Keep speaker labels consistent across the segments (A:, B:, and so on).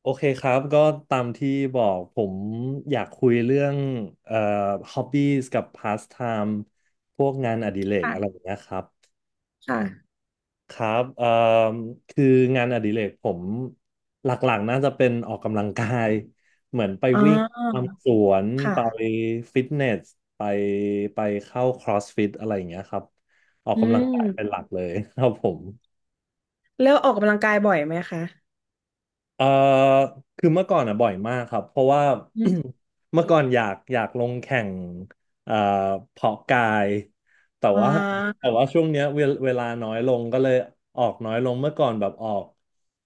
A: โอเคครับก็ตามที่บอกผมอยากคุยเรื่องเอ่อ hobbies กับ pastime พวกงานอดิเรกอะไร
B: ค่ะ
A: อย่างเงี้ยครับ
B: ค่ะ
A: ครับคืองานอดิเรกผมหลักๆน่าจะเป็นออกกำลังกาย เหมือนไป
B: อ๋อ
A: วิ่งตามสวนไปฟิตเนสไปไปเข้า CrossFit อะไรอย่างเงี้ยครับออก
B: อื
A: กำลังกายเป็นห
B: ม
A: ลักเลยครับผม
B: แล้วออกกำลังกายบ่อยไหมคะ
A: เอ่อคือเมื่อก่อนอ่ะบ่อยมากครับเพราะว่า
B: อืม
A: เมื่อก่อนอยากลงแข่งเอ่อเพาะกายแต่
B: อ๋
A: ว่าแต่
B: า
A: ว่าช่วงเนี้ยเวลาน้อยลงก็เลยออกน้อยลงเมื่อก่อนแบบออก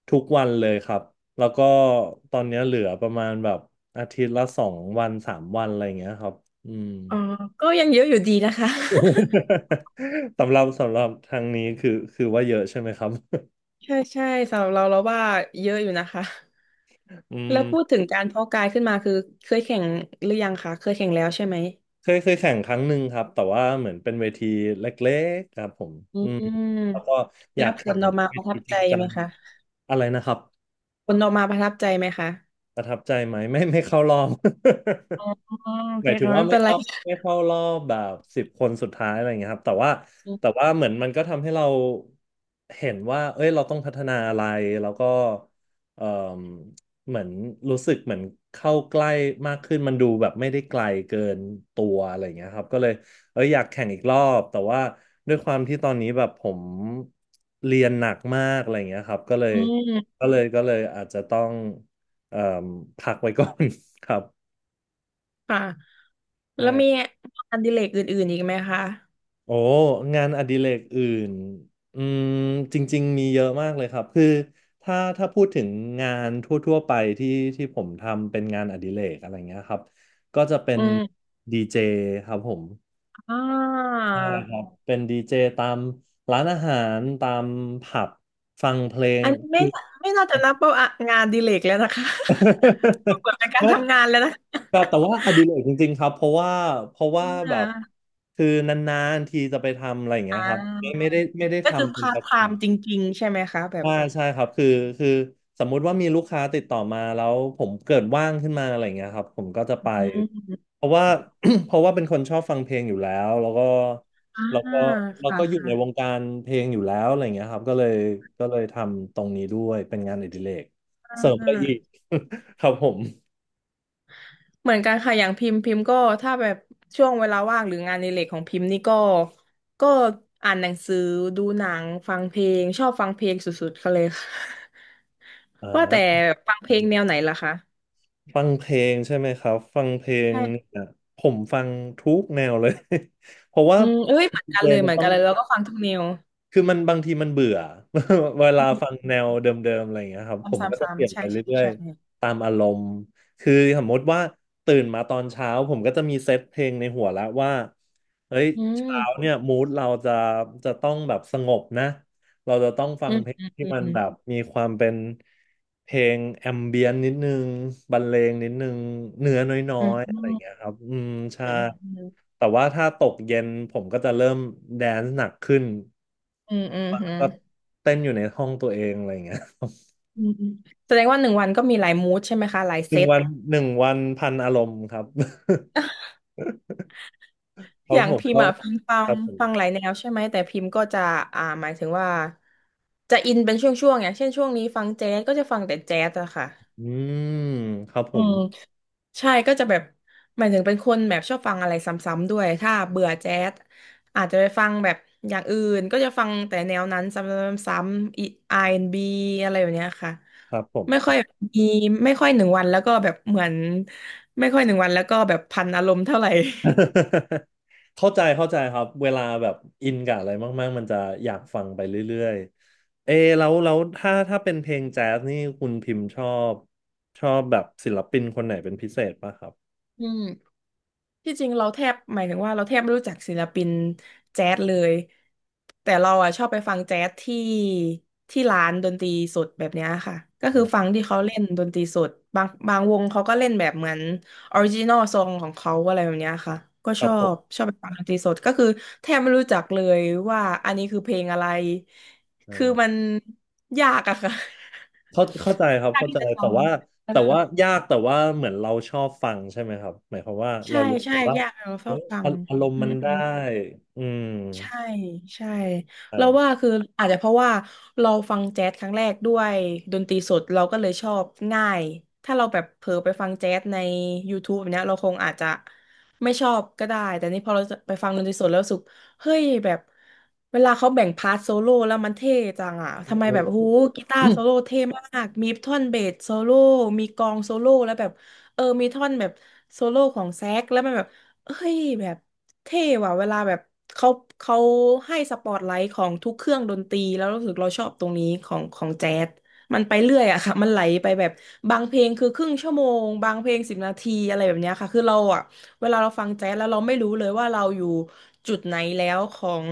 A: ทุกวันเลยครับแล้วก็ตอนเนี้ยเหลือประมาณแบบอาทิตย์ละสองวันสามวันอะไรอย่างเงี้ยครับอืม
B: อ่าก็ยังเยอะอยู่ดีนะคะ
A: สำหรับทางนี้คือว่าเยอะใช่ไหมครับ
B: ใช่ใช่สำหรับเราเราว่าเยอะอยู่นะคะ
A: อื
B: แล้วพูด
A: ม
B: ถึงการเพาะกายขึ้นมาคือเคยแข่งหรือยังคะเคยแข่งแล้วใช่ไหม
A: เคยแข่งครั้งหนึ่งครับแต่ว่าเหมือนเป็นเวทีเล็กๆครับผม
B: อื
A: อืมแล้วก็
B: ม
A: อยา
B: แล้
A: ก
B: วผ
A: แข่
B: ล
A: ง
B: ออกมา
A: เว
B: ประทั
A: ที
B: บ
A: จ
B: ใจ
A: ริงจั
B: ไหม
A: ง
B: คะ
A: อะไรนะครับ
B: ผลออกมาประทับใจไหมคะ
A: ประทับใจไหมไม่เข้ารอบ
B: อ๋อโอ
A: ห
B: เค
A: มายถึง
B: ค่ะ
A: ว่า
B: ไม่
A: ไม่
B: เป็นไร
A: เข้าไม่เข้ารอบแบบสิบคนสุดท้ายอะไรอย่างเงี้ยครับแต่ว่าเหมือนมันก็ทำให้เราเห็นว่าเอ้ยเราต้องพัฒนาอะไรแล้วก็เอ่มเหมือนรู้สึกเหมือนเข้าใกล้มากขึ้นมันดูแบบไม่ได้ไกลเกินตัวอะไรอย่างเงี้ยครับก็เลยเอ้ยอยากแข่งอีกรอบแต่ว่าด้วยความที่ตอนนี้แบบผมเรียนหนักมากอะไรอย่างเงี้ยครับก็เลย
B: อืม
A: ก็เลยก็เลยอาจจะต้อง เอ่อพักไว้ก่อน ครับ
B: ค่ะแล้วมีง
A: ใช่
B: านอดิเรกอื่นๆอีกไหมคะ
A: โอ้งานอดิเรกอื่นอืมจริงๆมีเยอะมากเลยครับคือถ้าพูดถึงงานทั่วๆไปที่ที่ผมทำเป็นงานอดิเรกอะไรเงี้ยครับก็จะเป็
B: อื
A: น
B: ม
A: ดีเจครับผม
B: อ่า
A: ใช่ครับเป็นดีเจตามร้านอาหารตามผับฟังเพลง
B: อันนี้ไม่
A: คือ
B: ไม่น่าจะนับว่างานอดิเลกแล้วนะคะ ดู เหิดนเป็นการ
A: ไม่
B: ทำงานแล้วนะ
A: แต่แต่
B: ะ
A: ว่าอดิเรกจริงๆครับเพราะว่า
B: อ
A: แบบ
B: ่า
A: คือนานๆทีจะไปทำอะไรอย่างเงี้ย
B: อ่า
A: ครับไม่ได้
B: ก็คือ
A: ทำเป็น
B: พา
A: ป
B: ร์ท
A: ระ
B: ไท
A: จำ
B: ม์จริงๆใช่ไหมคะแบบ
A: ใช่าใช่ครับคือสมมุติว่ามีลูกค้าติดต่อมาแล้วผมเกิดว่างขึ้นมาอะไรอย่างเงี้ยครับผมก็จะ
B: อื
A: ไป
B: ม
A: เพราะว่า เพราะว่าเป็นคนชอบฟังเพลงอยู่แล้ว
B: อ่า
A: แล้วก็แล้ว
B: ค่ะ
A: ก็อยู่ในวง
B: ค่ะ
A: การเพลงอยู่แล้วอะไรอย่างเงี้ยครับก็เลยทำตรงนี้ด้วยเป็นงานอดิเรกเสริ
B: อ่า
A: มไปอีก ครับผม
B: เหมือนกันค่ะอย่างพิมพ์พิมพ์ก็ถ้าแบบช่วงเวลาว่างหรืองานในเหล็กของพิมพ์นี่ก็ก็อ่านหนังสือดูหนังฟังเพลงชอบฟังเพลงสุดๆเขาเลยค่ะ
A: อ่
B: ว่าแต่
A: า
B: ฟังเพลงแนวไหนล่ะคะ
A: ฟังเพลงใช่ไหมครับฟังเพลงเ
B: ใช่
A: นี่ยผมฟังทุกแนวเลย เพราะว่า
B: อืมเอ้ยเหมือน
A: ดี
B: กัน
A: เจ
B: เลย
A: มั
B: เห
A: น
B: มือน
A: ต้อ
B: กั
A: ง
B: นเลยแล้วก็ฟังทุกแนว
A: คือมันบางทีมันเบื่อ เวลา
B: อื
A: ฟัง
B: ม
A: แนวเดิมๆอะไรอย่างเงี้ยครับผ
B: ซ้ำซ
A: มก็จะเป
B: ้ำ
A: ลี่
B: ๆ
A: ย
B: ๆ
A: น
B: ใช่
A: ไป
B: ใช่
A: เรื่อย
B: ใช่
A: ๆตามอารมณ์คือสมมติว่าตื่นมาตอนเช้าผมก็จะมีเซตเพลงในหัวแล้วว่าเฮ้ย
B: อื
A: เช้า
B: ม
A: เนี่ยมูดเราจะจะต้องแบบสงบนะเราจะต้องฟั
B: อื
A: ง
B: ม
A: เพลง
B: อืม
A: ที่มัน
B: อื
A: แบบ
B: ม
A: มีความเป็นเพลงแอมเบียนนิดนึงบรรเลงนิดนึงเนื้อน้อ
B: อืม
A: ยๆ
B: อื
A: อะไรอย่างเงี้ยครับอืม
B: ม
A: ใช่
B: อ
A: แต่ว่าถ้าตกเย็นผมก็จะเริ่มแดนซ์หนักขึ้น
B: ืมอืมอืมอืม
A: ก็เต้นอยู่ในห้องตัวเองอะไรอย่างเงี้ย
B: อืมอืมแสดงว่าหนึ่งวันก็มีหลายมูดใช่ไหมคะหลาย
A: ห
B: เซ
A: นึ่ง
B: ต
A: วันหนึ่งวันพันอารมณ์ครับ ครั
B: อ
A: บ
B: ย่าง
A: ผม
B: พิม
A: ก็
B: พ์อ่ะพิมพ์ฟั
A: ค
B: ง
A: รับผ
B: ฟังหลาย
A: ม
B: แนวใช่ไหมแต่พิมพ์ก็จะอ่าหมายถึงว่าจะอินเป็นช่วงๆอย่างเช่นช่วงนี้ฟังแจ๊สก็จะฟังแต่แจ๊สอะค่ะ
A: อืมครับผ
B: อื
A: ม
B: ม ใช่ก็จะแบบหมายถึงเป็นคนแบบชอบฟังอะไรซ้ำๆด้วยถ้าเบื่อแจ๊สอาจจะไปฟังแบบอย่างอื่นก็จะฟังแต่แนวนั้นซ้ำๆๆอีอาร์แอนด์บีอะไรแบบเนี้ยค่ะ
A: ครับผม
B: ไม่ค่อยมีไม่ค่อยหนึ่งวันแล้วก็แบบเหมือนไม่ค่อยหนึ่งวันแล้วก็แบบพันอารมณ์เท่าไหร่
A: เข้าใจครับเวลาแบบอินกับอะไรมากๆมันจะอยากฟังไปเรื่อยๆเอแล้วถ้าเป็นเพลงแจ๊สนี่คุณพิมพ์บชอบแบบศิลปินคนไหนเป็นพิเศษป่ะครับ
B: อืม ที่จริงเราแทบหมายถึงว่าเราแทบไม่รู้จักศิลปินแจ๊สเลยแต่เราอ่ะชอบไปฟังแจ๊สที่ที่ร้านดนตรีสดแบบเนี้ยค่ะก็คือฟั
A: อ่า
B: งที่เขาเล่นดนตรีสดบางบางวงเขาก็เล่นแบบเหมือนออริจินอลซองของเขาอะไรแบบเนี้ยค่ะก็
A: ค
B: ช
A: รับ
B: อ
A: ผ
B: บ
A: ม
B: ชอบไปฟังดนตรีสดก็คือแทบไม่รู้จักเลยว่าอันนี้คือเพลงอะไร
A: อ่
B: คือ
A: า
B: มันยากอะค่ะ
A: เข้าใจครับ
B: ยาก
A: เข้า
B: ที่
A: ใจ
B: จะจ
A: แต่ว่า
B: ำเออ
A: แต่ว่ายากแต่ว่าเหมือนเราชอบฟังใช่ไหมครับหมายความว่าเรา
B: ใช่
A: รู้สึ
B: ใช่
A: กว่า
B: ยากเราชอ
A: เอ้
B: บ
A: ย
B: ฟั
A: อา
B: ง
A: อารม
B: อื
A: ณ์มัน
B: ม
A: ได้อืม
B: ใช่ใช่เราว่า
A: อ่า
B: คืออาจจะเพราะว่าเราฟังแจ๊สครั้งแรกด้วยดนตรีสดเราก็เลยชอบง่ายถ้าเราแบบเผลอไปฟังแจ๊สใน YouTube แบบเนี้ยเราคงอาจจะไม่ชอบก็ได้แต่นี่พอเราไปฟังดนตรีสดแล้วรู้สึกเฮ้ยแบบเวลาเขาแบ่งพาร์ทโซโล่แล้วมันเท่จังอ่ะทำไมแบบหูกีตาร์โซโล่เท่มากมีท่อนเบสโซโล่มีกลองโซโล่แล้วแบบเออมีท่อนแบบโซโล่ของแซกแล้วมันแบบเอ้ยแบบ เท่ว่ะเวลาแบบเขาเขาให้สปอตไลท์ของทุกเครื่องดนตรีแล้วรู้สึกเราชอบตรงนี้ของของแจ๊สมันไปเรื่อยอะค่ะมันไหลไปแบบบางเพลงคือครึ่งชั่วโมงบางเพลงสิบนาทีอะไรแบบเนี้ยค่ะคือเราอะเวลาเราฟังแจ๊สแล้วเราไม่รู้เลยว่าเราอยู่จุดไหนแล้วของ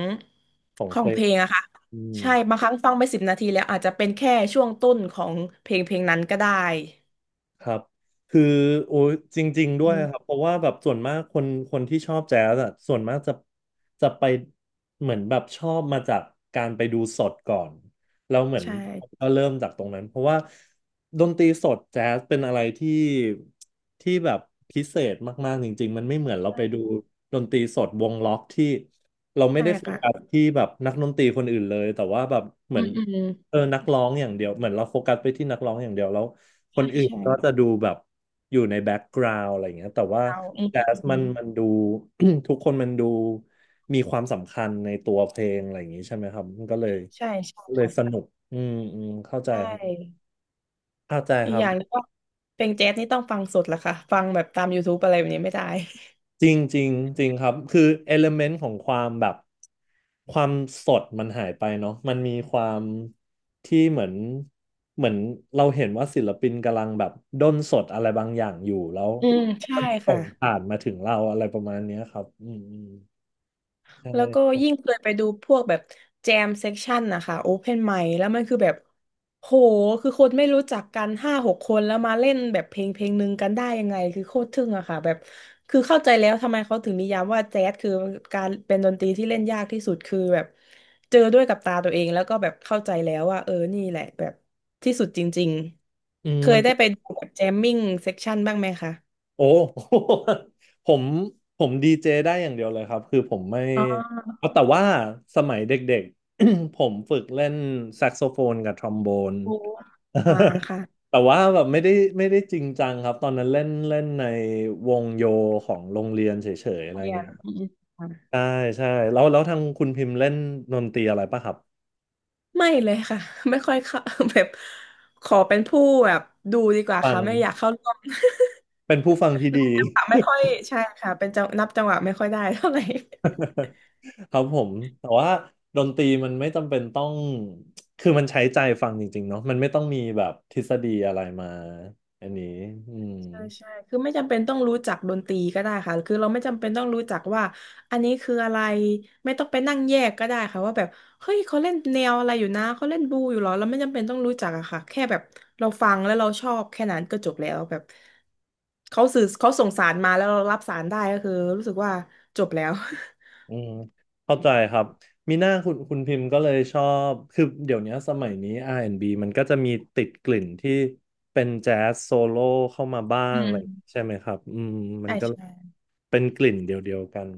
A: ของ
B: ข
A: เพ
B: อง
A: ล
B: เพ
A: ง
B: ลงอะค่ะ
A: อืม
B: ใช่บางครั้งฟังไปสิบนาทีแล้วอาจจะเป็นแค่ช่วงต้นของเพลงเพลงนั้นก็ได้
A: ครับคือโอ้ยจริงๆด้
B: อื
A: วย
B: ม
A: ครับเพราะว่าแบบส่วนมากคนที่ชอบแจ๊สอะส่วนมากจะไปเหมือนแบบชอบมาจากการไปดูสดก่อนแล้วเหมือน
B: ใช่
A: ก็เริ่มจากตรงนั้นเพราะว่าดนตรีสดแจ๊สเป็นอะไรที่แบบพิเศษมากๆจริงๆมันไม่เหมือนเรา
B: ใช่
A: ไปดูดนตรีสดวงล็อกที่เราไม่
B: ใช่
A: ได้โฟ
B: ค่ะ
A: กัสที่แบบนักดนตรีคนอื่นเลยแต่ว่าแบบเห
B: อื
A: มือน
B: มอืม
A: เออนักร้องอย่างเดียวเหมือนเราโฟกัสไปที่นักร้องอย่างเดียวแล้ว ค
B: ใช่
A: นอื่น
B: ใช่
A: ก็จะดูแบบอยู่ในแบ็กกราว n ์อะไรอย่างเงี้ยแต่ว่า
B: เราอืม
A: แจ๊ส
B: อื
A: มัน
B: ม
A: มันดู ทุกคนมันดูมีความสำคัญในตัวเพลงอะไรอย่างงี้ใช่ไหมครับมันก็เลย
B: ใช่ใช่
A: ก็เลยส
B: ค่ะ
A: นุกอืมอืมเข้าใจ
B: ใช่
A: ครับเข้าใจ
B: อี
A: ค
B: ก
A: รั
B: อ
A: บ
B: ย่างหนึงก็เพลงแจ๊สนี่ต้องฟังสดแหละค่ะฟังแบบตาม YouTube อะไรแบบนี้ไม่ได้
A: จริงจริงจริงครับคือเอลเมนต์ของความแบบความสดมันหายไปเนาะมันมีความที่เหมือนเราเห็นว่าศิลปินกำลังแบบด้นสดอะไรบางอย่างอยู่แล้ว
B: อืมใช่
A: มันส่
B: ค่ะ
A: งผ่านมาถึงเราอะไรประมาณเนี้ยครับอืมอืมใช
B: แล้วก็
A: ่
B: ยิ่งเคยไปดูพวกแบบแจมเซ็กชันนะคะโอเพนไมค์แล้วมันคือแบบโหคือคนไม่รู้จักกันห้าหกคนแล้วมาเล่นแบบเพลงเพลงหนึ่งกันได้ยังไงคือโคตรทึ่งอะค่ะแบบคือเข้าใจแล้วทำไมเขาถึงนิยามว่าแจ๊สคือการเป็นดนตรีที่เล่นยากที่สุดคือแบบเจอด้วยกับตาตัวเองแล้วก็แบบเข้าใจแล้วว่าเออนี่แหละแบบที่สุดจริงๆเค
A: มั
B: ย
A: น
B: ได้ไปดูแบบแจมมิ่งเซ็กชันบ้างไหมคะ
A: โอ้ ผมผมดีเจได้อย่างเดียวเลยครับคือผมไม่
B: อ๋อ
A: เอาแต่ว่าสมัยเด็กๆ ผมฝึกเล่นแซกโซโฟนกับทรอมโบน
B: โออ่าค่ะ
A: แต่ว่าแบบไม่ได้จริงจังครับตอนนั้นเล่นเล่นในวงโยของโรงเรียนเฉยๆอะไร
B: เรีย
A: เงี้
B: น
A: ยครับ
B: อืมอืม
A: ใช่ใช่แล้วทางคุณพิมพ์เล่นดนตรีอะไรปะครับ
B: ไม่เลยค่ะ ไม่ค่อยเข้า แบบขอเป็นผู้แบบดูดีกว่า
A: ฟัง
B: ค่ะไม่อยากเข้าร่วม
A: เป็นผู้ฟังที่
B: นั
A: ดี
B: บจังหวะไม่ค่อยใช่ค่ะเป็นจังนับจังหวะไม่ค่อยได้เท่าไหร่
A: ครับผมแต่ว่าดนตรีมันไม่จำเป็นต้องคือมันใช้ใจฟังจริงๆเนาะมันไม่ต้องมีแบบทฤษฎีอะไรมาอันนี้อืม
B: ใช่ใช่ คือไม่จำเป็นต้องรู้จักดนตรีก็ได้ค่ะคือเราไม่จำเป็นต้องรู้จักว่าอันนี้คืออะไรไม่ต้องไปนั่งแยกก็ได้ค่ะว่าแบบเฮ้ยเขาเล่นแนวอะไรอยู่นะเขาเล่นบลูอยู่เหรอเราไม่จำเป็นต้องรู้จักอะค่ะแค่แบบเราฟังแล้วเราชอบแค่นั้นก็จบแล้วแบบเขาสื่อเขาส่งสารมาแล้วเรารับสารได้ก็คือรู้สึกว่าจบแล้ว
A: อืมเข้าใจครับมีหน้าคุณพิมพ์ก็เลยชอบคือเดี๋ยวนี้สมัยนี้ R&B มันก็จะมีติดกลิ่นที่เป็นแจ๊สโซโล่เข้ามาบ้า
B: อื
A: งอะ
B: ม
A: ไรอย่างงี้ใช่ไหมครับอืม มั
B: ใช่
A: นก็
B: ใช่
A: เป็นกลิ่นเดียวๆกัน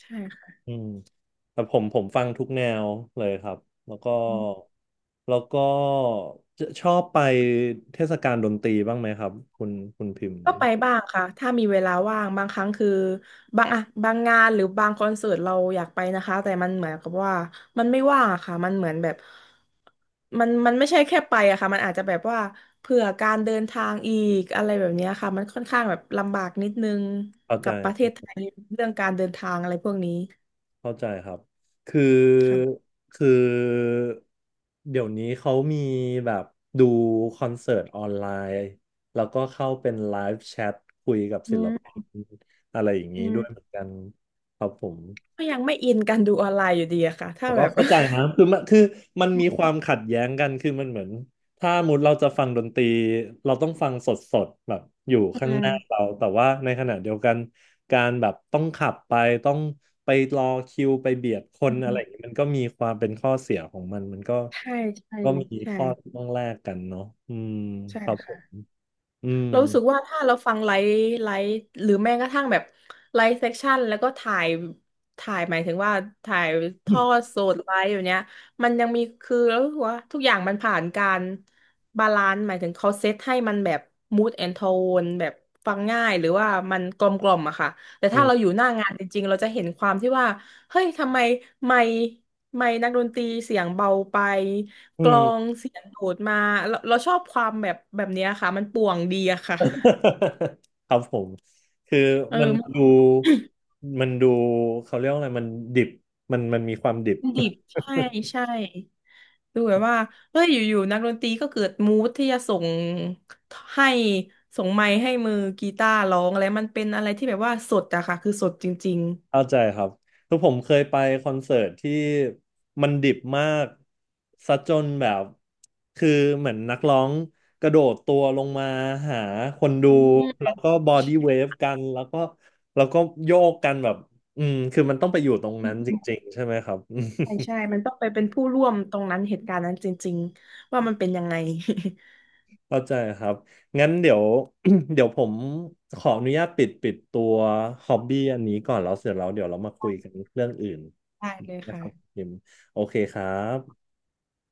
B: ใช่ค่ะ
A: อืมแต่ผมฟังทุกแนวเลยครับแล้วก็แล้วก็จะชอบไปเทศกาลดนตรีบ้างไหมครับคุณพิมพ์
B: ก็ไปบ้างค่ะถ้ามีเวลาว่างบางครั้งคือบางอะบางงานหรือบางคอนเสิร์ตเราอยากไปนะคะแต่มันเหมือนกับว่ามันไม่ว่างอะค่ะมันเหมือนแบบมันไม่ใช่แค่ไปอะค่ะมันอาจจะแบบว่าเผื่อการเดินทางอีกอะไรแบบเนี้ยค่ะมันค่อนข้างแบบลำบากนิดนึง
A: เข้าใจ
B: กับประเทศไทยเรื่องการเดินทางอะไรพวกนี้
A: เข้าใจครับคือ
B: ค่ะ
A: คือ เดี๋ยวนี้เขามีแบบดูคอนเสิร์ตออนไลน์ แล้วก็เข้าเป็นไลฟ์แชทคุยกับ
B: อื
A: ศิลปิ
B: ม
A: นอะไรอย่าง
B: อื
A: นี้ด้
B: ม
A: วยเหมือนกันครับผม
B: ก็ยังไม่อินกันดูออนไลน์อยู่ดีอะค่ะถ้า
A: แต่
B: แบ
A: ก็
B: บ
A: เข้าใจนะคือมันมีควา มขัดแย้งกันคือมันเหมือนถ้ามุดเราจะฟังดนตรีเราต้องฟังสดสดแบบอยู่
B: อื
A: ข้างห
B: ม
A: น้าเราแต่ว่าในขณะเดียวกันการแบบต้องขับไปต้องไปรอคิวไปเบียดค
B: อื
A: นอะไรอย่าง
B: ม
A: นี้มันก็มีความเป็นข้อเสียของมัน
B: ใช่ใช่
A: ก็มี
B: ใช่
A: ข้อที่ต้องแลกกันเนาะอืม
B: ใช่
A: ครับผม
B: ค่ะ
A: อืม
B: เรารู้สึกว่าถ้าเราฟังไลฟ์ไลฟ์หรือแม้กระทั่งแบบไลฟ์เซสชั่นแล้วก็ถ่ายถ่ายหมายถึงว่าถ่ายทอดสดไลฟ์อย่างเนี้ยมันยังมีคือเรารู้สึกว่าทุกอย่างมันผ่านการบาลานซ์หมายถึงเขาเซตให้มันแบบ mood and tone แบบฟังง่ายหรือว่ามันกลมกล่อมอะค่ะแต่
A: อื
B: ถ้า
A: ม
B: เราอยู่หน้างานจริงๆเราจะเห็นความที่ว่าเฮ้ยทำไมไม่ไม่นักดนตรีเสียงเบาไป
A: อื
B: กล
A: ม
B: องเสียงโดดมาเราเราชอบความแบบเนี้ยค่ะมันป่วงดีอะค่ะ
A: ครับผมคือ
B: เออ
A: มัน
B: มัน
A: ดูมันดูเขาเรียกว่าอะไรมันดิบมันมีความดิบ
B: ดิบใช่ ใช่ดูแบบว่าเฮ้ยอยู่ๆนักดนตรีก็เกิดมูดที่จะส่งให้ส่งไมค์ให้มือกีตาร์ร้องอะไรมันเป็นอะไรที่แบบว่าสดอะค่ะคือสดจริง
A: เข้าใจครับคือผมเคยไปคอนเสิร์ตที่มันดิบมากซะจนแบบคือเหมือนนักร้องกระโดดตัวลงมาหาคนดู
B: ๆอื
A: แล้
B: ม
A: วก็บอดี้เวฟกันแล้วก็โยกกันแบบอืมคือมันต้องไปอยู่ตรงนั้นจริงๆใช่ไหมครับ
B: ใช่ ใช่มันต้องไปเป็นผู้ร่วมตรงนั้นเหตุการณ์นั้นจริงๆว่ามันเป็นยังไง
A: เข้าใจครับ งั้นเดี๋ยว เดี๋ยวผมขออนุญาตปิดตัวฮอบบี้อันนี้ก่อนแล้วเสร็จแล้วเดี๋ยวเรามาคุยกันเรื่องอื่น
B: ได้เลย
A: นะครับ
B: ค่ะ
A: พิมโอเคครับ